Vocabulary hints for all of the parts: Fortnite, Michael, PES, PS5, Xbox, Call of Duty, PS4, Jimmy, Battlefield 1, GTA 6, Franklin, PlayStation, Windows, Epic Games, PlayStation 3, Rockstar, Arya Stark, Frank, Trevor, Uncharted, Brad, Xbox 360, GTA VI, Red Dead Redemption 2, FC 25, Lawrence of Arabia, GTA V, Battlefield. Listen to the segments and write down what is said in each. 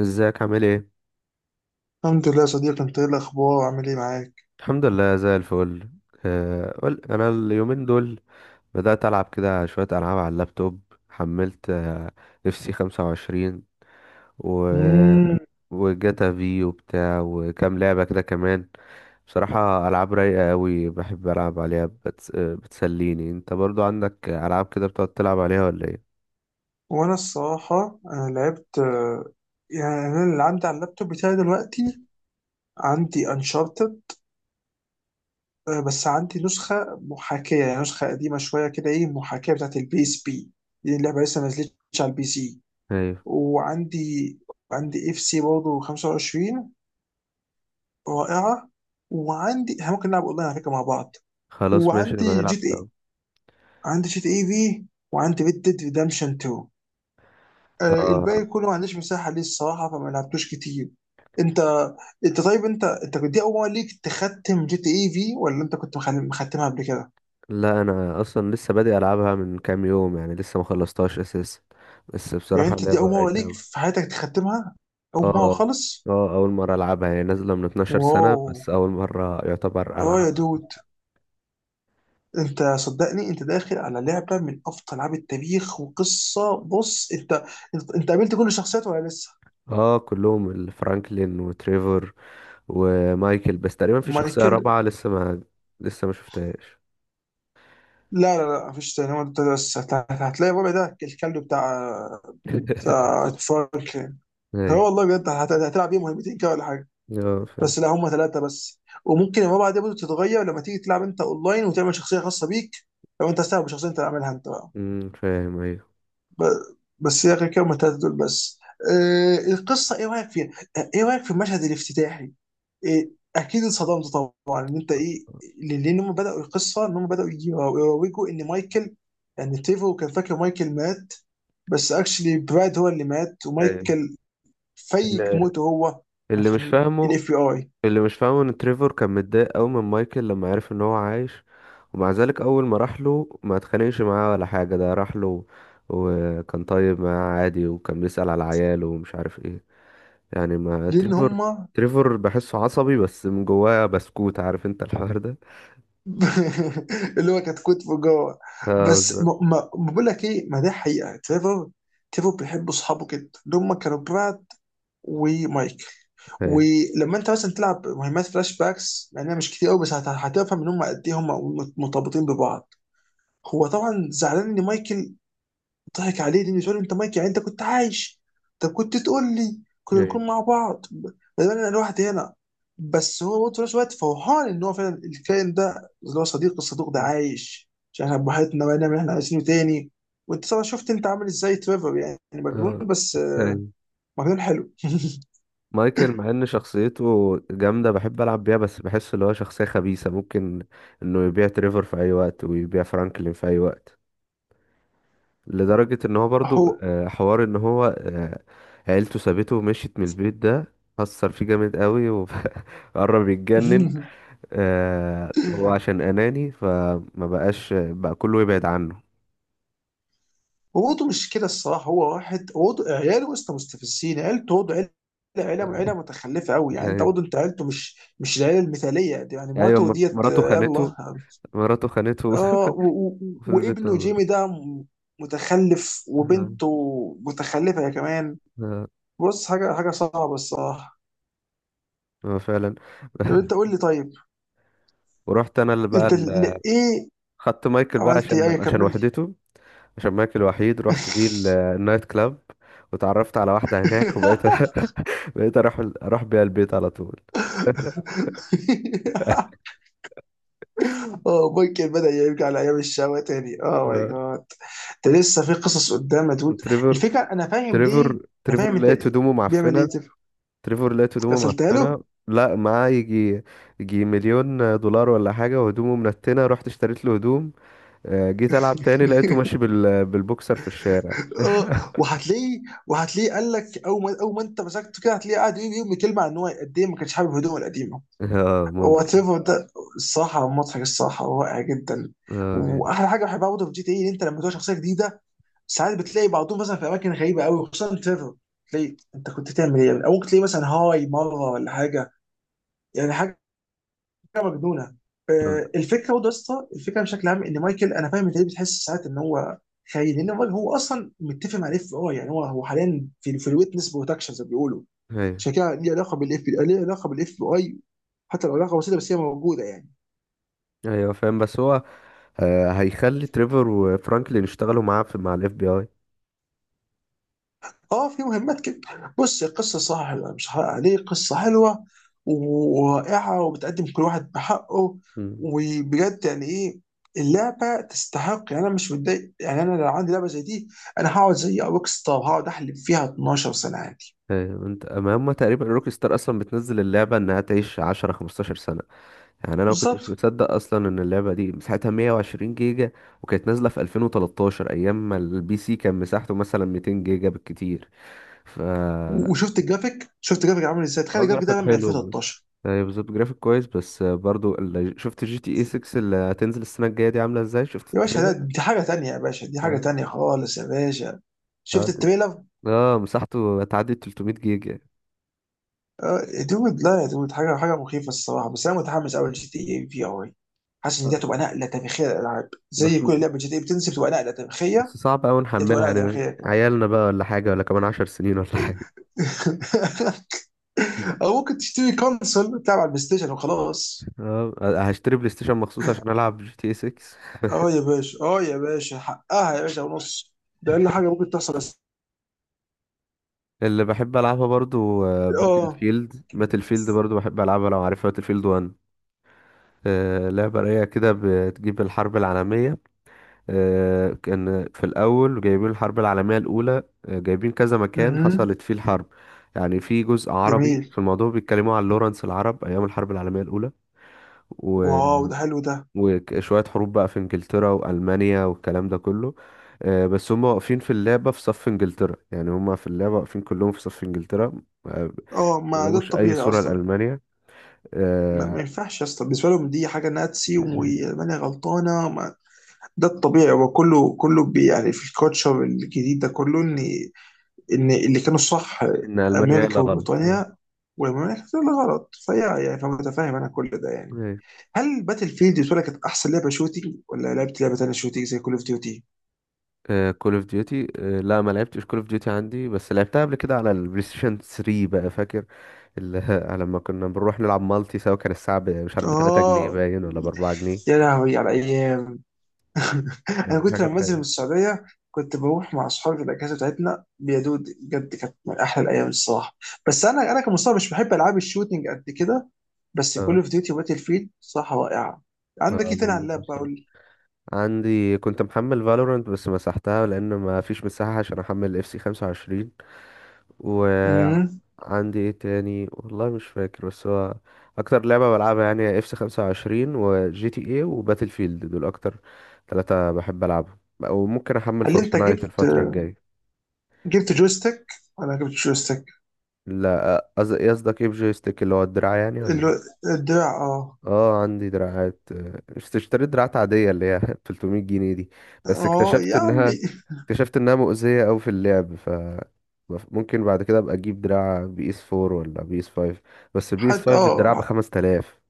ازيك عامل ايه؟ الحمد لله يا صديقي، انت ايه الاخبار وعامل ايه معاك؟ الحمد لله زي الفل. قول، انا اليومين دول بدأت العب كده شوية العاب على اللابتوب. حملت اف سي 25، و مم. وجاتا في وبتاع وكام لعبة كده كمان. بصراحة العاب رايقة قوي، بحب العب عليها بتسليني. انت برضو عندك العاب كده بتقعد تلعب عليها ولا ايه؟ وانا الصراحه انا لعبت يعني انا اللي عندي على اللابتوب بتاعي دلوقتي عندي انشارتد، بس عندي نسخه محاكيه، يعني نسخه قديمه شويه كده، ايه، محاكيه بتاعت البيس بي. دي اللعبه لسه ما نزلتش على البي سي. ايوه. وعندي، عندي اف سي برضه 25، رائعه. وعندي، احنا ممكن نلعب اونلاين على فكره مع بعض. خلاص، ماشي، نبقى وعندي نلعب جي تي سوا. اي، عندي جي تي اي في، وعندي ريد ديد ريدمشن 2. اه. الباقي كله ما عنديش مساحه ليه الصراحه، فما لعبتوش كتير. انت انت طيب، انت دي اول مره ليك تختم جي تي اي في، ولا انت كنت مختمها قبل كده؟ لا، انا اصلا لسه بادئ العبها من كام يوم، يعني لسه ما خلصتهاش اساسا. بس يعني بصراحه انت دي لعبه اول مره رايقه ليك أوي. في حياتك تختمها؟ اول مره اه، خالص؟ اه، اول مره العبها، هي نازله من 12 سنه، واو. بس اول مره يعتبر اه يا العبها. دود، انت صدقني، انت داخل على لعبه من افضل العاب التاريخ وقصه. بص انت، انت قابلت كل الشخصيات ولا لسه؟ اه، كلهم: الفرانكلين وتريفور ومايكل، بس تقريبا في شخصيه مايكل. رابعه لسه ما شفتهاش. لا لا لا، مفيش تاني. هو انت بس هتلاقي الربع ده، الكلب بتاع بتاع فرانك. اه ايوه. والله بجد، هتلعب بيه مهمتين كده ولا حاجه. اه، فاهم. بس لا، هم ثلاثه بس. وممكن المبادئ دي برضه تتغير لما تيجي تلعب انت اونلاين وتعمل شخصيه خاصه بيك، لو انت استعمل بشخصيه انت تعملها انت بقى. فاهم، ايوه. بس يا اخي كده، هم الثلاثه دول بس. آه، القصه ايه رايك فيها؟ ايه رايك في المشهد الافتتاحي؟ إيه، اكيد اتصدمت. طبعا ان انت ايه، لان هم بداوا القصه ان هم بداوا يروجوا ان مايكل، يعني تيفو كان فاكر مايكل مات، بس اكشلي براد هو اللي مات ايوه، ومايكل فيك اللي موته هو، اللي مش عشان فاهمه الاف بي اي. اللي مش فاهمه ان تريفور كان متضايق قوي من مايكل لما عرف ان هو عايش، ومع ذلك اول ما راح له ما اتخانقش معاه ولا حاجه، ده راح له وكان طيب معاه عادي وكان بيسأل على عياله ومش عارف ايه، يعني ما لان تريفور هما تريفور بحسه عصبي، بس من جواه بسكوت، عارف انت الحوار ده. اللي هو كانت كتبه جوه. اه، بس بالظبط. ما بقول لك ايه، ما ده حقيقه، تريفر، تريفر بيحب اصحابه جدا، اللي هما كانوا براد ومايكل. هي. ولما انت مثلا تلعب مهمات فلاش باكس، لانها مش كتير قوي، بس هتفهم ان هم قد ايه هم مرتبطين ببعض. هو طبعا زعلان ان مايكل ضحك عليه، لانه سؤال انت مايك، يعني انت كنت عايش، طب كنت تقول لي، كنا هي، نكون مع بعض بدل انا لوحدي هنا. بس هو برضه في نفس الوقت فرحان ان هو فعلا الكائن ده اللي هو صديق الصدوق ده مم. عايش، عشان احنا بوحدنا ونعمل اللي احنا عايزينه تاني. وانت طبعا شفت انت عامل ازاي تريفر، يعني مجنون اه، بس هي. مجنون حلو. مايكل مع ان شخصيته جامده بحب العب بيها، بس بحس اللي هو شخصيه خبيثه، ممكن انه يبيع تريفور في اي وقت ويبيع فرانكلين في اي وقت، لدرجة ان هو برضو هو حوار ان هو عيلته سابته ومشيت من البيت، ده أثر فيه جامد قوي وقرب يتجنن. هو عشان أناني فما بقاش بقى كله يبعد عنه. وضو مش كده الصراحه، هو واحد وضو عياله وسط مستفزين، عيلته وضو عيله، عيله متخلفه قوي، يعني انت أيوة. وضو انت عيلته مش، مش العيله المثاليه دي، يعني أيوة، مراته ديت مراته خانته. يلا. مراته خانته. اه وفضلت وابنه موجودة. جيمي ده متخلف، آه. وبنته متخلفه يا كمان. آه. بص، حاجه، حاجه صعبه الصراحه. آه، فعلا. طب انت قول لي طيب، ورحت أنا انت ايه خدت مايكل بقى عملت؟ ايه؟ عشان أيوة، عشان كمل لي. وحدته. شماك الوحيد، رحت بيه النايت كلاب، وتعرفت على واحدة هناك، وبقيت، بقيت اروح بيها البيت على طول. اه، مايكل بدأ يرجع لأيام الشقاوة تاني، اه ماي آه، جاد. ده لسه في قصص قدام يا دود. وتريفر الفكرة أنا فاهم ليه، تريفر أنا تريفر فاهم أنت لقيت ليه هدومه بيعمل إيه معفنة. تف. تريفر لقيت هدومه غسلتها له؟ معفنة. لا، معاه يجي مليون دولار ولا حاجة، وهدومه منتنة، رحت اشتريت له هدوم. جيت ألعب تاني، لقيته ماشي بالبوكسر في الشارع. اه وهتلاقيه، وهتلاقيه قال لك أول ما، أول ما أنت مسكته كده، هتلاقيه قاعد يقول يوم كلمة عن إن هو قد إيه ما كانش حابب هدومه القديمة، اه، وات ممكن. ايفر ده. الصراحة مضحك، الصراحة رائع جدا. اه، يعني. وأحلى حاجة بحبها برضه في جي تي إيه إن أنت لما تبقى شخصية جديدة، ساعات بتلاقي بعضهم مثلا في اماكن غريبه قوي، خصوصا تريفر، تلاقي انت كنت تعمل ايه، او ممكن تلاقي مثلا هاي مره ولا حاجه، يعني حاجه مجنونه. آه. الفكره برضه يا اسطى، الفكره بشكل عام ان مايكل، انا فاهم انت ليه بتحس ساعات ان هو خاين، لان هو اصلا متفق مع الاف بي اي، يعني هو حاليا في الويتنس بروتكشن زي ما بيقولوا. ايوه، عشان كده ليه علاقه بالاف بي اي، ليه علاقه بالاف بي اي، حتى لو علاقه بسيطه بس هي موجوده يعني. ايوه، فاهم، بس هو هيخلي تريفر وفرانكلين يشتغلوا معاه في مع الاف بي اي. اه في مهمات كده. بص، قصة صح، لا مش هحرق عليه، قصة حلوة ورائعة وبتقدم كل واحد بحقه. مم. وبجد يعني ايه، اللعبة تستحق، يعني انا مش متضايق، يعني انا لو عندي لعبة زي دي، انا هقعد زي روك ستار، هقعد احلب فيها 12 سنة عادي. انت، ما هم تقريبا روك ستار، اصلا بتنزل اللعبه انها تعيش 10 15 سنه، يعني انا ما كنتش بالظبط. مصدق اصلا ان اللعبه دي مساحتها 120 جيجا، وكانت نازله في 2013 ايام ما البي سي كان مساحته مثلا 200 جيجا بالكتير، ف اه وشفت الجرافيك، شفت الجرافيك عامل ازاي؟ تخيل الجرافيك جرافيك ده من حلو. 2013. يعني بالظبط جرافيك كويس، بس برضو اللي شفت جي تي اي 6 اللي هتنزل السنه الجايه دي عامله ازاي، شفت يا باشا ده التريلر؟ دي حاجة تانية، يا باشا دي حاجة اه، تانية خالص يا باشا. اه، شفت التريلر؟ مساحته هتعدي 300 جيجا. يا دود لا يا دود، حاجه، حاجه مخيفه الصراحه. بس انا متحمس قوي جي تي اي في ار، حاسس ان دي هتبقى نقله تاريخيه للالعاب، بس زي كل لعبه جي تي اي بتنزل بتبقى نقله بس تاريخيه. صعب أوي دي هتبقى نحملها نقله يعني، تاريخيه كمان. عيالنا بقى ولا حاجة ولا كمان 10 سنين ولا حاجة. او ممكن تشتري كونسول تلعب على البلاي ستيشن وخلاص. اه، هشتري بلاي ستيشن مخصوص عشان ألعب جي تي 6. اه يا باشا، اه يا باشا، حقها يا باشا ونص. ده اقل حاجه ممكن تحصل بس. اللي بحب ألعبها برضو، باتل اه. فيلد، باتل فيلد برضو بحب ألعبها لو عارفها: باتل فيلد 1، لعبة رايقة كده بتجيب الحرب العالمية، كان في الأول جايبين الحرب العالمية الأولى، جايبين كذا مكان مهم. حصلت فيه الحرب. يعني في جزء جميل. عربي في الموضوع بيتكلموا عن لورنس العرب أيام الحرب العالمية الأولى، واو، ده حلو ده. وشوية حروب بقى في انجلترا وألمانيا والكلام ده كله، بس هم واقفين في اللعبة في صف انجلترا، يعني هم في اللعبة واقفين كلهم في صف انجلترا. اه، ما ما ده جابوش أي الطبيعي صورة اصلا. لألمانيا. ما, آه، ما ينفعش يا اسطى، بالنسبه لهم دي حاجه ناتسي وماني غلطانه. ده الطبيعي، هو كله كله بي، يعني في الكوتشر الجديد ده كله ان، ان اللي كانوا صح إن ألمانيا هي اللي امريكا غلط، أيوه. وبريطانيا والمملكه، كانت اللي غلط، فهي يعني، فمتفاهم انا كل ده يعني. أيوة. هل باتل فيلد بالنسبه لك كانت احسن لعبه شوتينج، ولا لعبت لعبه تانيه شوتينج زي كول اوف ديوتي؟ كول اوف ديوتي. لا، ما لعبتش كول اوف ديوتي عندي، بس لعبتها قبل كده على البلاي ستيشن 3، بقى فاكر اللي لما كنا بنروح نلعب مالتي سوا، كان الساعة مش عارف، ب 3 جنيه اه باين، ولا ب 4 جنيه. يا لهوي على ايام. انا كانت كنت لما حاجات بنزل رايقة. من السعوديه كنت بروح مع اصحابي في الاجازه بتاعتنا، يا دود بجد كانت من احلى الايام الصراحه. بس انا، انا كمصاب مش بحب العاب الشوتينج قد كده، بس كول اه. اوف ديوتي وباتل فيلد صراحه رائعه. عندك اه، ايه تاني على جميلة. اللاب بقول لي؟ عندي كنت محمل فالورانت بس مسحتها لان ما فيش مساحة عشان احمل اف سي 25. أمم. وعندي ايه تاني، والله مش فاكر، بس هو اكتر لعبة بلعبها يعني هي اف سي 25 وجي تي اي وباتل فيلد، دول اكتر ثلاثة بحب العبهم. وممكن احمل هل انت فورتنايت جبت، الفترة الجاية. جبت جويستيك، ولا جبت جويستيك؟ لا، قصدك ايه بجويستيك؟ اللي هو الدراع يعني، ولا ال- إيه؟ الدراع اه. اه، عندي دراعات. اشتريت دراعات عادية، اللي هي 300 جنيه دي، بس اه اكتشفت يا عمي. انها اكتشفت انها مؤذية اوي في اللعب، ف ممكن بعد كده ابقى اجيب دراع بي اس 4 ولا بي اس 5، بس البي اس حد 5 الدراع ب اه، 5000،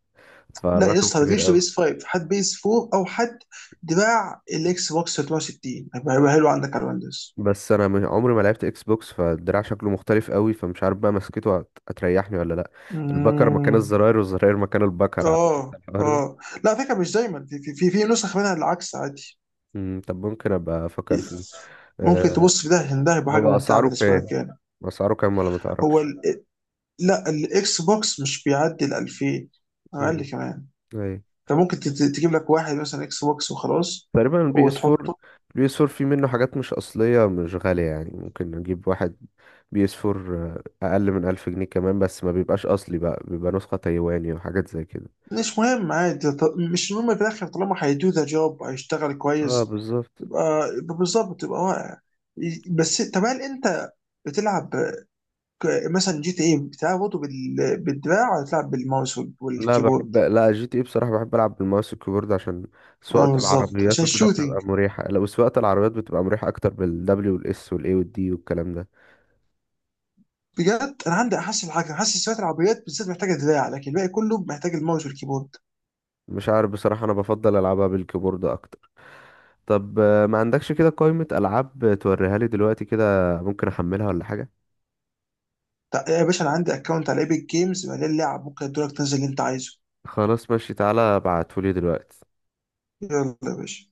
لا يا فالرقم اسطى ما كبير تجيبش اوي. بيس 5، حد بيس 4 او حد، دراع الاكس بوكس 360 هيبقى، هيبقى حلو عندك على الويندوز. بس انا عمري ما لعبت اكس بوكس، فالدراع شكله مختلف قوي، فمش عارف بقى مسكته هتريحني ولا لا. البكر مكان امم، الزراير والزراير مكان البكر، عارف انت اه الحوار ده. اه، لا على فكره مش دايما، في نسخ منها العكس عادي. طب ممكن ابقى افكر فيه. ممكن أه. تبص في ده، عشان ده هيبقى حاجه هو ممتعه اسعاره بالنسبه كام؟ لك يعني. اسعاره كام، ولا ما هو تعرفش؟ ال... لا، الاكس بوكس مش بيعدي ال 2000، امم. اقل كمان. ايوه، انت ممكن تجيب لك واحد مثلا اكس بوكس وخلاص تقريبا البي اس 4. وتحطه. البي اس 4 في منه حاجات مش اصليه مش غاليه، يعني ممكن نجيب واحد بي اس 4 اقل من 1000 جنيه كمان، بس ما بيبقاش اصلي بقى، بيبقى نسخه تايواني وحاجات زي كده. مش مهم عادي، مش مهم في الاخر طالما هيدو ذا جوب، هيشتغل اه، كويس. بالظبط. يبقى، يبقى بالظبط، يبقى واقع. بس طب، هل انت بتلعب، مثلا جي تي ايه بتلعب برضه بالدراع، ولا تلعب بالماوس لا والكيبورد؟ بحب لا جي تي اي بصراحه بحب العب بالماوس والكيبورد، عشان اه سواقه بالظبط، العربيات عشان وكده الشوتينج بتبقى مريحه، لو سواقه العربيات بتبقى مريحه اكتر بالدبليو والاس والاي والدي والكلام ده. بجد انا عندي احسن حاجه، حاسس شويه العربيات بالذات محتاجه دراع، لكن الباقي كله محتاج الماوس والكيبورد. مش عارف بصراحه، انا بفضل العبها بالكيبورد اكتر. طب، ما عندكش كده قائمة ألعاب توريها لي دلوقتي كده؟ ممكن أحملها ولا حاجة. طيب يا باشا، انا عندي اكونت على ايبك جيمز مليان لعب، ممكن ادولك تنزل اللي انت عايزه. خلاص، ماشي، تعالى ابعتهولي دلوقتي. يلا يا باشا.